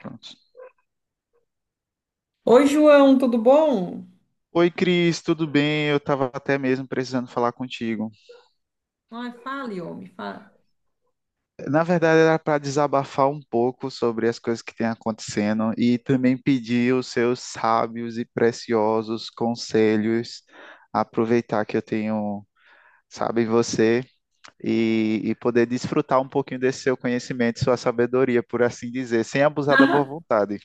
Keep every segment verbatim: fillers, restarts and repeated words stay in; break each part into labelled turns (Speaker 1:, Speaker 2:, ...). Speaker 1: Pronto.
Speaker 2: Oi, João, tudo bom?
Speaker 1: Oi, Cris, tudo bem? Eu estava até mesmo precisando falar contigo.
Speaker 2: Ai, fale, homem, fala.
Speaker 1: Na verdade, era para desabafar um pouco sobre as coisas que têm acontecendo e também pedir os seus sábios e preciosos conselhos, aproveitar que eu tenho, sabe, você e, e poder desfrutar um pouquinho desse seu conhecimento, sua sabedoria, por assim dizer, sem abusar da boa vontade.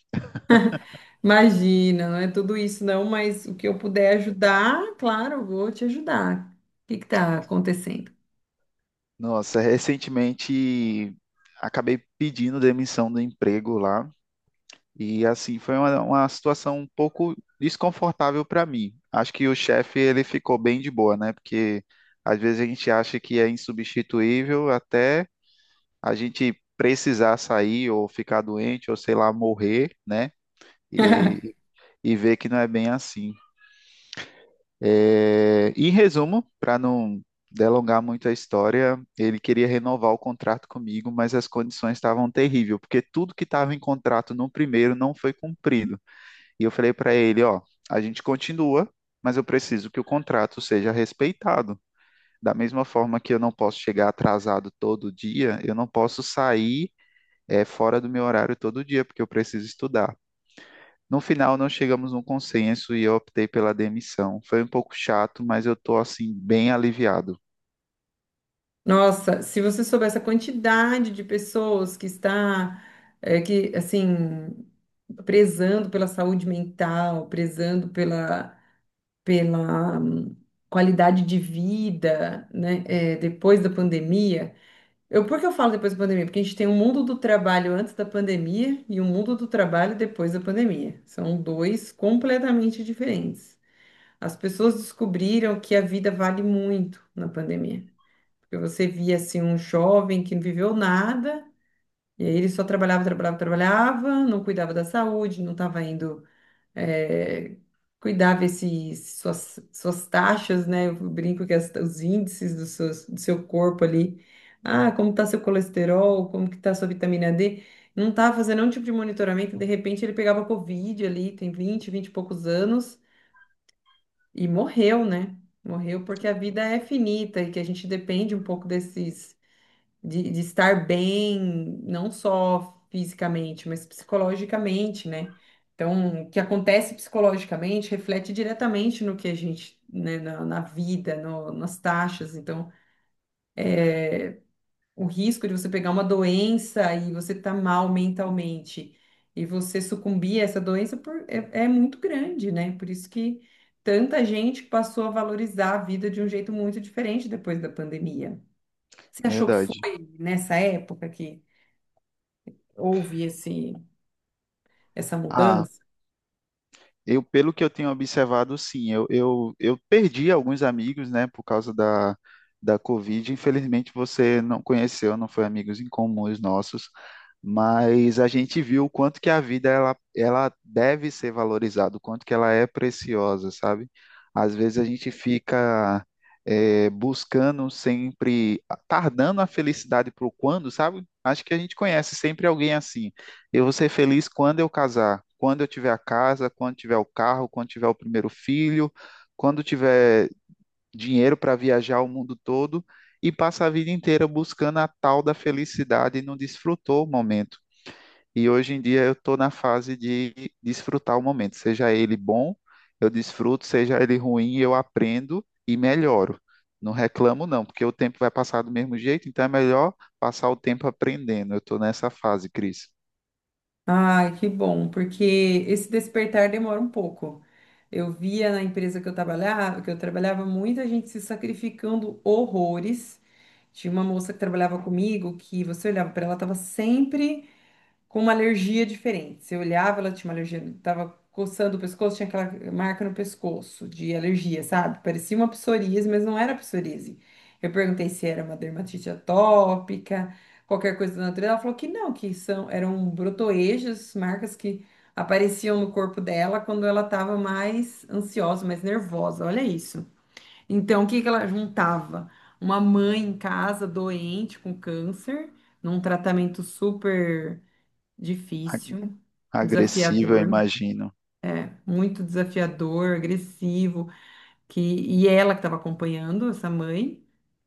Speaker 2: Imagina, não é tudo isso não, mas o que eu puder ajudar, claro, eu vou te ajudar. O que que tá acontecendo?
Speaker 1: Nossa, recentemente acabei pedindo demissão do emprego lá. E assim foi uma, uma situação um pouco desconfortável para mim. Acho que o chefe ele ficou bem de boa, né? Porque às vezes a gente acha que é insubstituível até a gente precisar sair ou ficar doente ou sei lá morrer, né? E, e ver que não é bem assim. É, em resumo, para não delongar muito a história, ele queria renovar o contrato comigo, mas as condições estavam terríveis, porque tudo que estava em contrato no primeiro não foi cumprido. E eu falei para ele, ó, a gente continua, mas eu preciso que o contrato seja respeitado. Da mesma forma que eu não posso chegar atrasado todo dia, eu não posso sair eh, fora do meu horário todo dia, porque eu preciso estudar. No final, não chegamos num consenso e eu optei pela demissão. Foi um pouco chato, mas eu tô assim bem aliviado,
Speaker 2: Nossa, se você soubesse a quantidade de pessoas que está, eh, que, assim, prezando pela saúde mental, prezando pela, pela hum, qualidade de vida, né? Eh, depois da pandemia. Eu, por que eu falo depois da pandemia? Porque a gente tem o mundo do trabalho antes da pandemia e o mundo do trabalho depois da pandemia. São dois completamente diferentes. As pessoas descobriram que a vida vale muito na pandemia. Porque você via assim um jovem que não viveu nada, e aí ele só trabalhava, trabalhava, trabalhava, não cuidava da saúde, não estava indo é, cuidar, ver suas, suas taxas, né? Eu brinco que as- os índices do seu, do seu corpo ali. Ah, como tá seu colesterol, como que tá sua vitamina dê. Não estava fazendo nenhum tipo de monitoramento. De repente ele pegava Covid ali, tem vinte, vinte e poucos anos, e morreu, né? Morreu porque a vida é finita e que a gente depende um pouco desses de, de estar bem, não só fisicamente, mas psicologicamente, né? Então, o que acontece psicologicamente reflete diretamente no que a gente, né, na, na vida, no- nas taxas. Então, o risco de você pegar uma doença e você tá mal mentalmente e você sucumbir a essa doença por- é, é muito grande, né? Por isso que tanta gente passou a valorizar a vida de um jeito muito diferente depois da pandemia. Você achou que foi
Speaker 1: verdade.
Speaker 2: nessa época que houve esse, essa
Speaker 1: Ah,
Speaker 2: mudança.
Speaker 1: eu, pelo que eu tenho observado, sim, eu, eu, eu perdi alguns amigos, né, por causa da, da Covid. Infelizmente, você não conheceu, não foi amigos em comuns nossos, mas a gente viu o quanto que a vida ela, ela deve ser valorizada, o quanto que ela é preciosa, sabe? Às vezes a gente fica eh, buscando sempre, tardando a felicidade para o quando, sabe? Acho que a gente conhece sempre alguém assim. Eu vou ser feliz quando eu casar, quando eu tiver a casa, quando tiver o carro, quando tiver o primeiro filho, quando tiver dinheiro para viajar o mundo todo e passa a vida inteira buscando a tal da felicidade e não desfrutou o momento. E hoje em dia eu estou na fase de desfrutar o momento, seja ele bom, eu desfruto, seja ele ruim, eu aprendo e melhoro. Não reclamo, não, porque o tempo vai passar do mesmo jeito, então é melhor passar o tempo aprendendo. Eu estou nessa fase, Cris.
Speaker 2: Ai, que bom, porque esse despertar demora um pouco. Eu via na empresa que eu trabalhava, que eu trabalhava muita gente se sacrificando horrores. Tinha uma moça que trabalhava comigo que você olhava para ela, estava sempre com uma alergia diferente. Você olhava, ela tinha uma alergia, tava coçando o pescoço, tinha aquela marca no pescoço de alergia, sabe? Parecia uma psoríase, mas não era psoríase. Eu perguntei se era uma dermatite atópica, qualquer coisa da natureza. Ela falou que não, que são, eram brotoejos, marcas que apareciam no corpo dela quando ela estava mais ansiosa, mais nervosa. Olha isso. Então, o que que ela juntava? Uma mãe em casa doente com câncer, num tratamento super difícil,
Speaker 1: Agressiva, eu
Speaker 2: desafiador,
Speaker 1: imagino.
Speaker 2: muito desafiador, agressivo, que e ela que estava acompanhando essa mãe,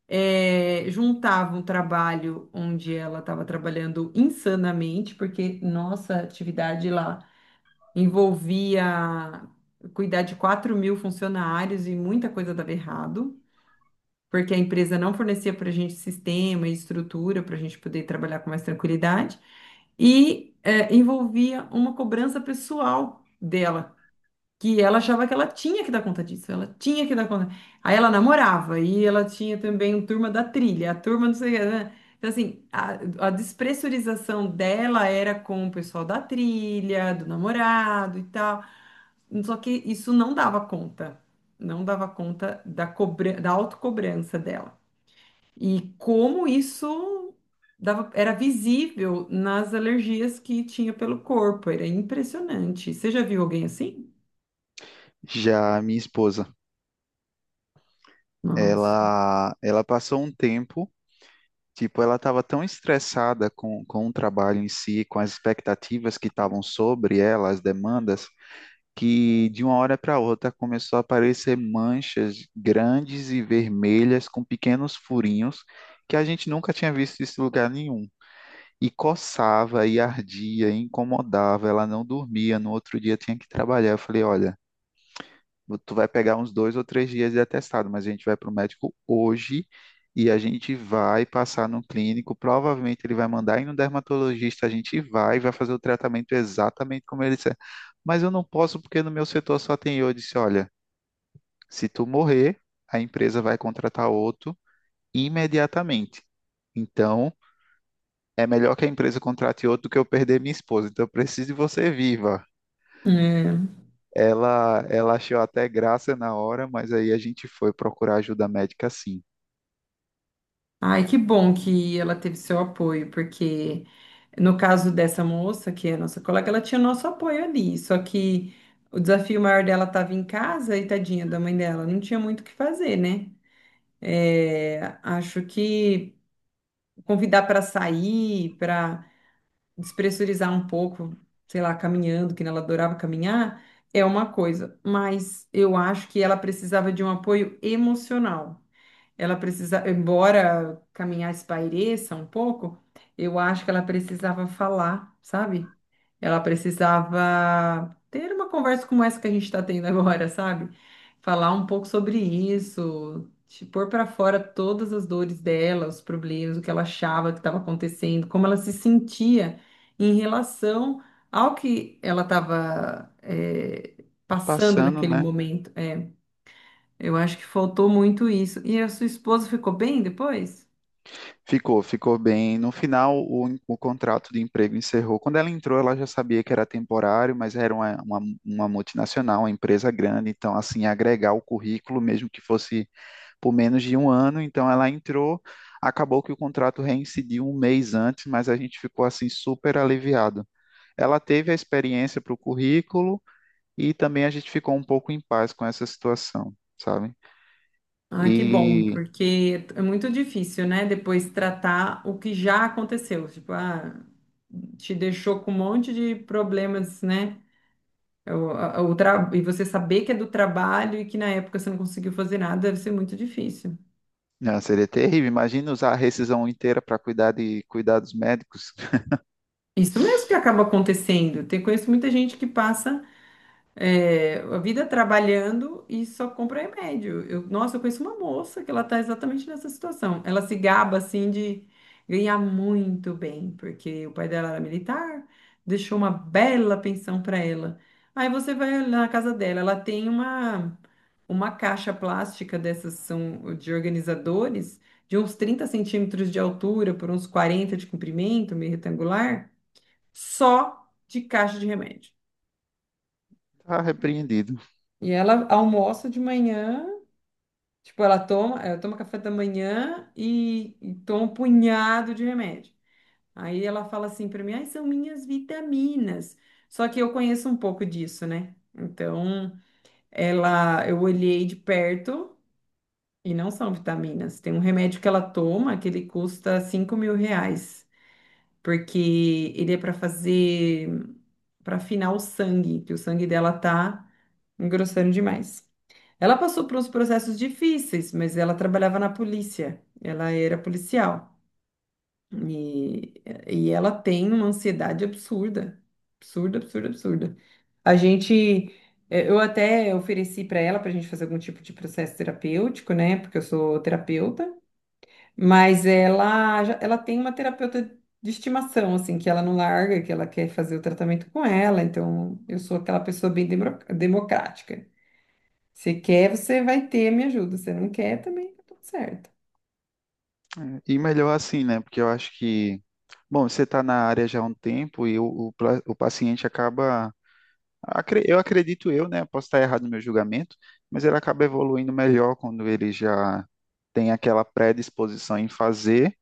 Speaker 2: eh, juntava um trabalho onde ela estava trabalhando insanamente, porque nossa atividade lá envolvia cuidar de quatro mil funcionários e muita coisa dava errado. Porque a empresa não fornecia para a gente sistema e estrutura para a gente poder trabalhar com mais tranquilidade. e é, envolvia uma cobrança pessoal dela, que ela achava que ela tinha que dar conta disso, ela tinha que dar conta. Aí ela namorava e ela tinha também um turma da trilha, a turma não sei o que, né? Então, assim, a, a despressurização dela era com o pessoal da trilha, do namorado e tal. Só que isso não dava conta. Não dava conta da cobra, da autocobrança dela. E como isso dava- era visível nas alergias que tinha pelo corpo, era impressionante. Você já viu alguém assim?
Speaker 1: Já a minha esposa,
Speaker 2: Nossa.
Speaker 1: ela, ela passou um tempo, tipo, ela estava tão estressada com, com o trabalho em si, com as expectativas que estavam sobre ela, as demandas, que de uma hora para outra começou a aparecer manchas grandes e vermelhas com pequenos furinhos que a gente nunca tinha visto isso em lugar nenhum. E coçava, e ardia, e incomodava, ela não dormia, no outro dia tinha que trabalhar. Eu falei, olha. Tu vai pegar uns dois ou três dias de atestado, mas a gente vai para o médico hoje e a gente vai passar no clínico. Provavelmente ele vai mandar ir no dermatologista, a gente vai, vai fazer o tratamento exatamente como ele disser. Mas eu não posso porque no meu setor só tem eu. Eu disse, olha, se tu morrer, a empresa vai contratar outro imediatamente. Então, é melhor que a empresa contrate outro do que eu perder minha esposa. Então, eu preciso de você viva.
Speaker 2: É.
Speaker 1: Ela, ela achou até graça na hora, mas aí a gente foi procurar ajuda médica sim.
Speaker 2: Ai, que bom que ela teve seu apoio, porque no caso dessa moça, que é a nossa colega, ela tinha nosso apoio ali, só que o desafio maior dela estava em casa e tadinha da mãe dela, não tinha muito o que fazer, né? É, acho que convidar para sair, para despressurizar um pouco, sei lá, caminhando, que ela adorava caminhar, é uma coisa, mas eu acho que ela precisava de um apoio emocional. Ela precisava, embora caminhar espaireça um pouco, eu acho que ela precisava falar, sabe? Ela precisava ter uma conversa como essa que a gente está tendo agora, sabe? Falar um pouco sobre isso, te pôr para fora todas as dores dela, os problemas, o que ela achava que estava acontecendo, como ela se sentia em relação ao que ela estava, passando
Speaker 1: Passando,
Speaker 2: naquele
Speaker 1: né?
Speaker 2: momento. É, eu acho que faltou muito isso. E a sua esposa ficou bem depois?
Speaker 1: Ficou, ficou bem. No final, o, en- o contrato de emprego encerrou. Quando ela entrou, ela já sabia que era temporário, mas era uma, uma, uma multinacional, uma empresa grande, então, assim, agregar o currículo, mesmo que fosse por menos de um ano. Então, ela entrou, acabou que o contrato reincidiu um mês antes, mas a gente ficou, assim, super aliviado. Ela teve a experiência para o currículo e também a gente ficou um pouco em paz com essa situação, sabe?
Speaker 2: Ah, que bom, porque é muito difícil, né? Depois tratar o que já aconteceu. Tipo, ah, te deixou com um monte de problemas, né? O, a- o tra- E você saber que é do trabalho e que na época você não conseguiu fazer nada, deve ser muito difícil.
Speaker 1: Ah, seria terrível. Imagina usar a rescisão inteira para cuidar de cuidados médicos.
Speaker 2: Isso mesmo que acaba acontecendo. Tem, conheço muita gente que passa. É, a vida trabalhando e só compra remédio. Eu, nossa, eu conheço uma moça que ela está exatamente nessa situação. Ela se gaba assim de ganhar muito bem, porque o pai dela era militar, deixou uma bela pensão para ela. Aí você vai na casa dela, ela tem uma uma caixa plástica dessas são de organizadores de uns trinta centímetros de altura por uns quarenta de comprimento, meio retangular, só de caixa de remédio.
Speaker 1: Tá repreendido.
Speaker 2: E ela almoça de manhã, tipo, ela toma, ela toma café da manhã e, e toma um punhado de remédio. Aí ela fala assim para mim, ai, são minhas vitaminas. Só que eu conheço um pouco disso, né? Então, ela, eu olhei de perto e não são vitaminas. Tem um remédio que ela toma que ele custa cinco mil reais, porque ele é para fazer, para afinar o sangue, que o sangue dela tá engrossando demais. Ela passou por uns processos difíceis, mas ela trabalhava na polícia, ela era policial. E, e ela tem uma ansiedade absurda, absurda, absurda, absurda. A gente, eh, eu até ofereci para ela para a gente fazer algum tipo de processo terapêutico, né? Porque eu sou terapeuta, mas ela, já- ela tem uma terapeuta de estimação, assim, que ela não larga, que ela quer fazer o tratamento com ela. Então, eu sou aquela pessoa bem democr- democrática. Se quer, você vai ter a minha ajuda. Se não quer, também tá tudo certo.
Speaker 1: É, e melhor assim, né? Porque eu acho que, bom, você está na área já há um tempo e o, o, pla- o paciente acaba, acre- eu acredito eu, né? Posso estar errado no meu julgamento, mas ele acaba evoluindo melhor quando ele já tem aquela predisposição em fazer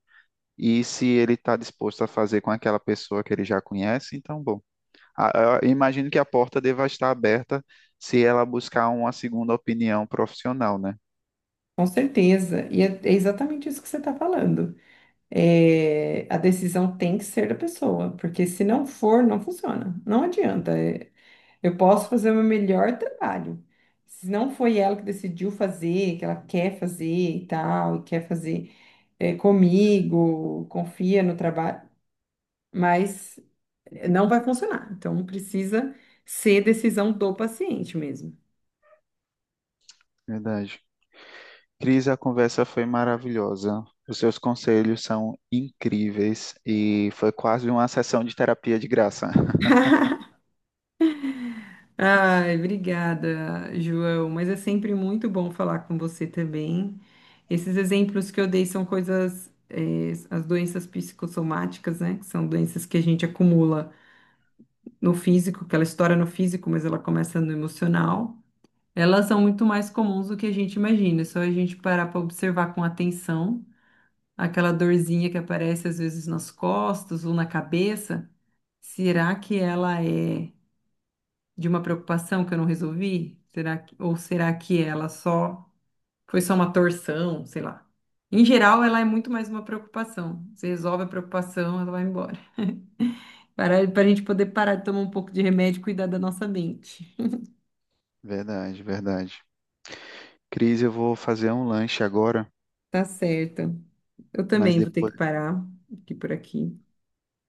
Speaker 1: e se ele está disposto a fazer com aquela pessoa que ele já conhece, então, bom. A- Eu imagino que a porta deva estar aberta se ela buscar uma segunda opinião profissional, né?
Speaker 2: Com certeza. E é é exatamente isso que você está falando. É, a decisão tem que ser da pessoa, porque se não for, não funciona. Não adianta. É, eu posso fazer o meu melhor trabalho. Se não foi ela que decidiu fazer, que ela quer fazer e tal, e quer fazer, é, comigo, confia no trabalho, mas não vai funcionar. Então precisa ser decisão do paciente mesmo.
Speaker 1: Verdade. Cris, a conversa foi maravilhosa. Os seus conselhos são incríveis e foi quase uma sessão de terapia de graça.
Speaker 2: Ai, obrigada, João. Mas é sempre muito bom falar com você também. Esses exemplos que eu dei são coisas, eh, as doenças psicossomáticas, né? Que são doenças que a gente acumula no físico, que ela estoura no físico, mas ela começa no emocional. Elas são muito mais comuns do que a gente imagina. É só a gente parar para observar com atenção aquela dorzinha que aparece às vezes nas costas ou na cabeça. Será que ela é de uma preocupação que eu não resolvi? Será que, ou será que ela só foi só uma torção, sei lá. Em geral, ela é muito mais uma preocupação. Você resolve a preocupação, ela vai embora. Para, para a gente poder parar de tomar um pouco de remédio e cuidar da nossa mente.
Speaker 1: Verdade, verdade. Cris, eu vou fazer um lanche agora,
Speaker 2: Tá certo. Eu
Speaker 1: mas
Speaker 2: também vou ter que
Speaker 1: depois.
Speaker 2: parar aqui por aqui.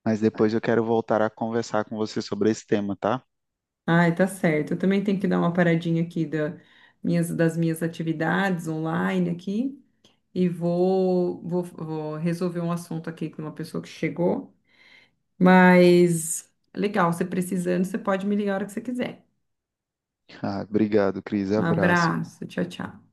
Speaker 1: Mas depois eu quero voltar a conversar com você sobre esse tema, tá?
Speaker 2: Ai, tá certo. Eu também tenho que dar uma paradinha aqui da, minhas, das minhas atividades online aqui e vou, vou, vou resolver um assunto aqui com uma pessoa que chegou. Mas legal, você precisando, você pode me ligar a hora que você quiser.
Speaker 1: Ah, obrigado, Cris.
Speaker 2: Um
Speaker 1: Abraço.
Speaker 2: abraço, tchau, tchau.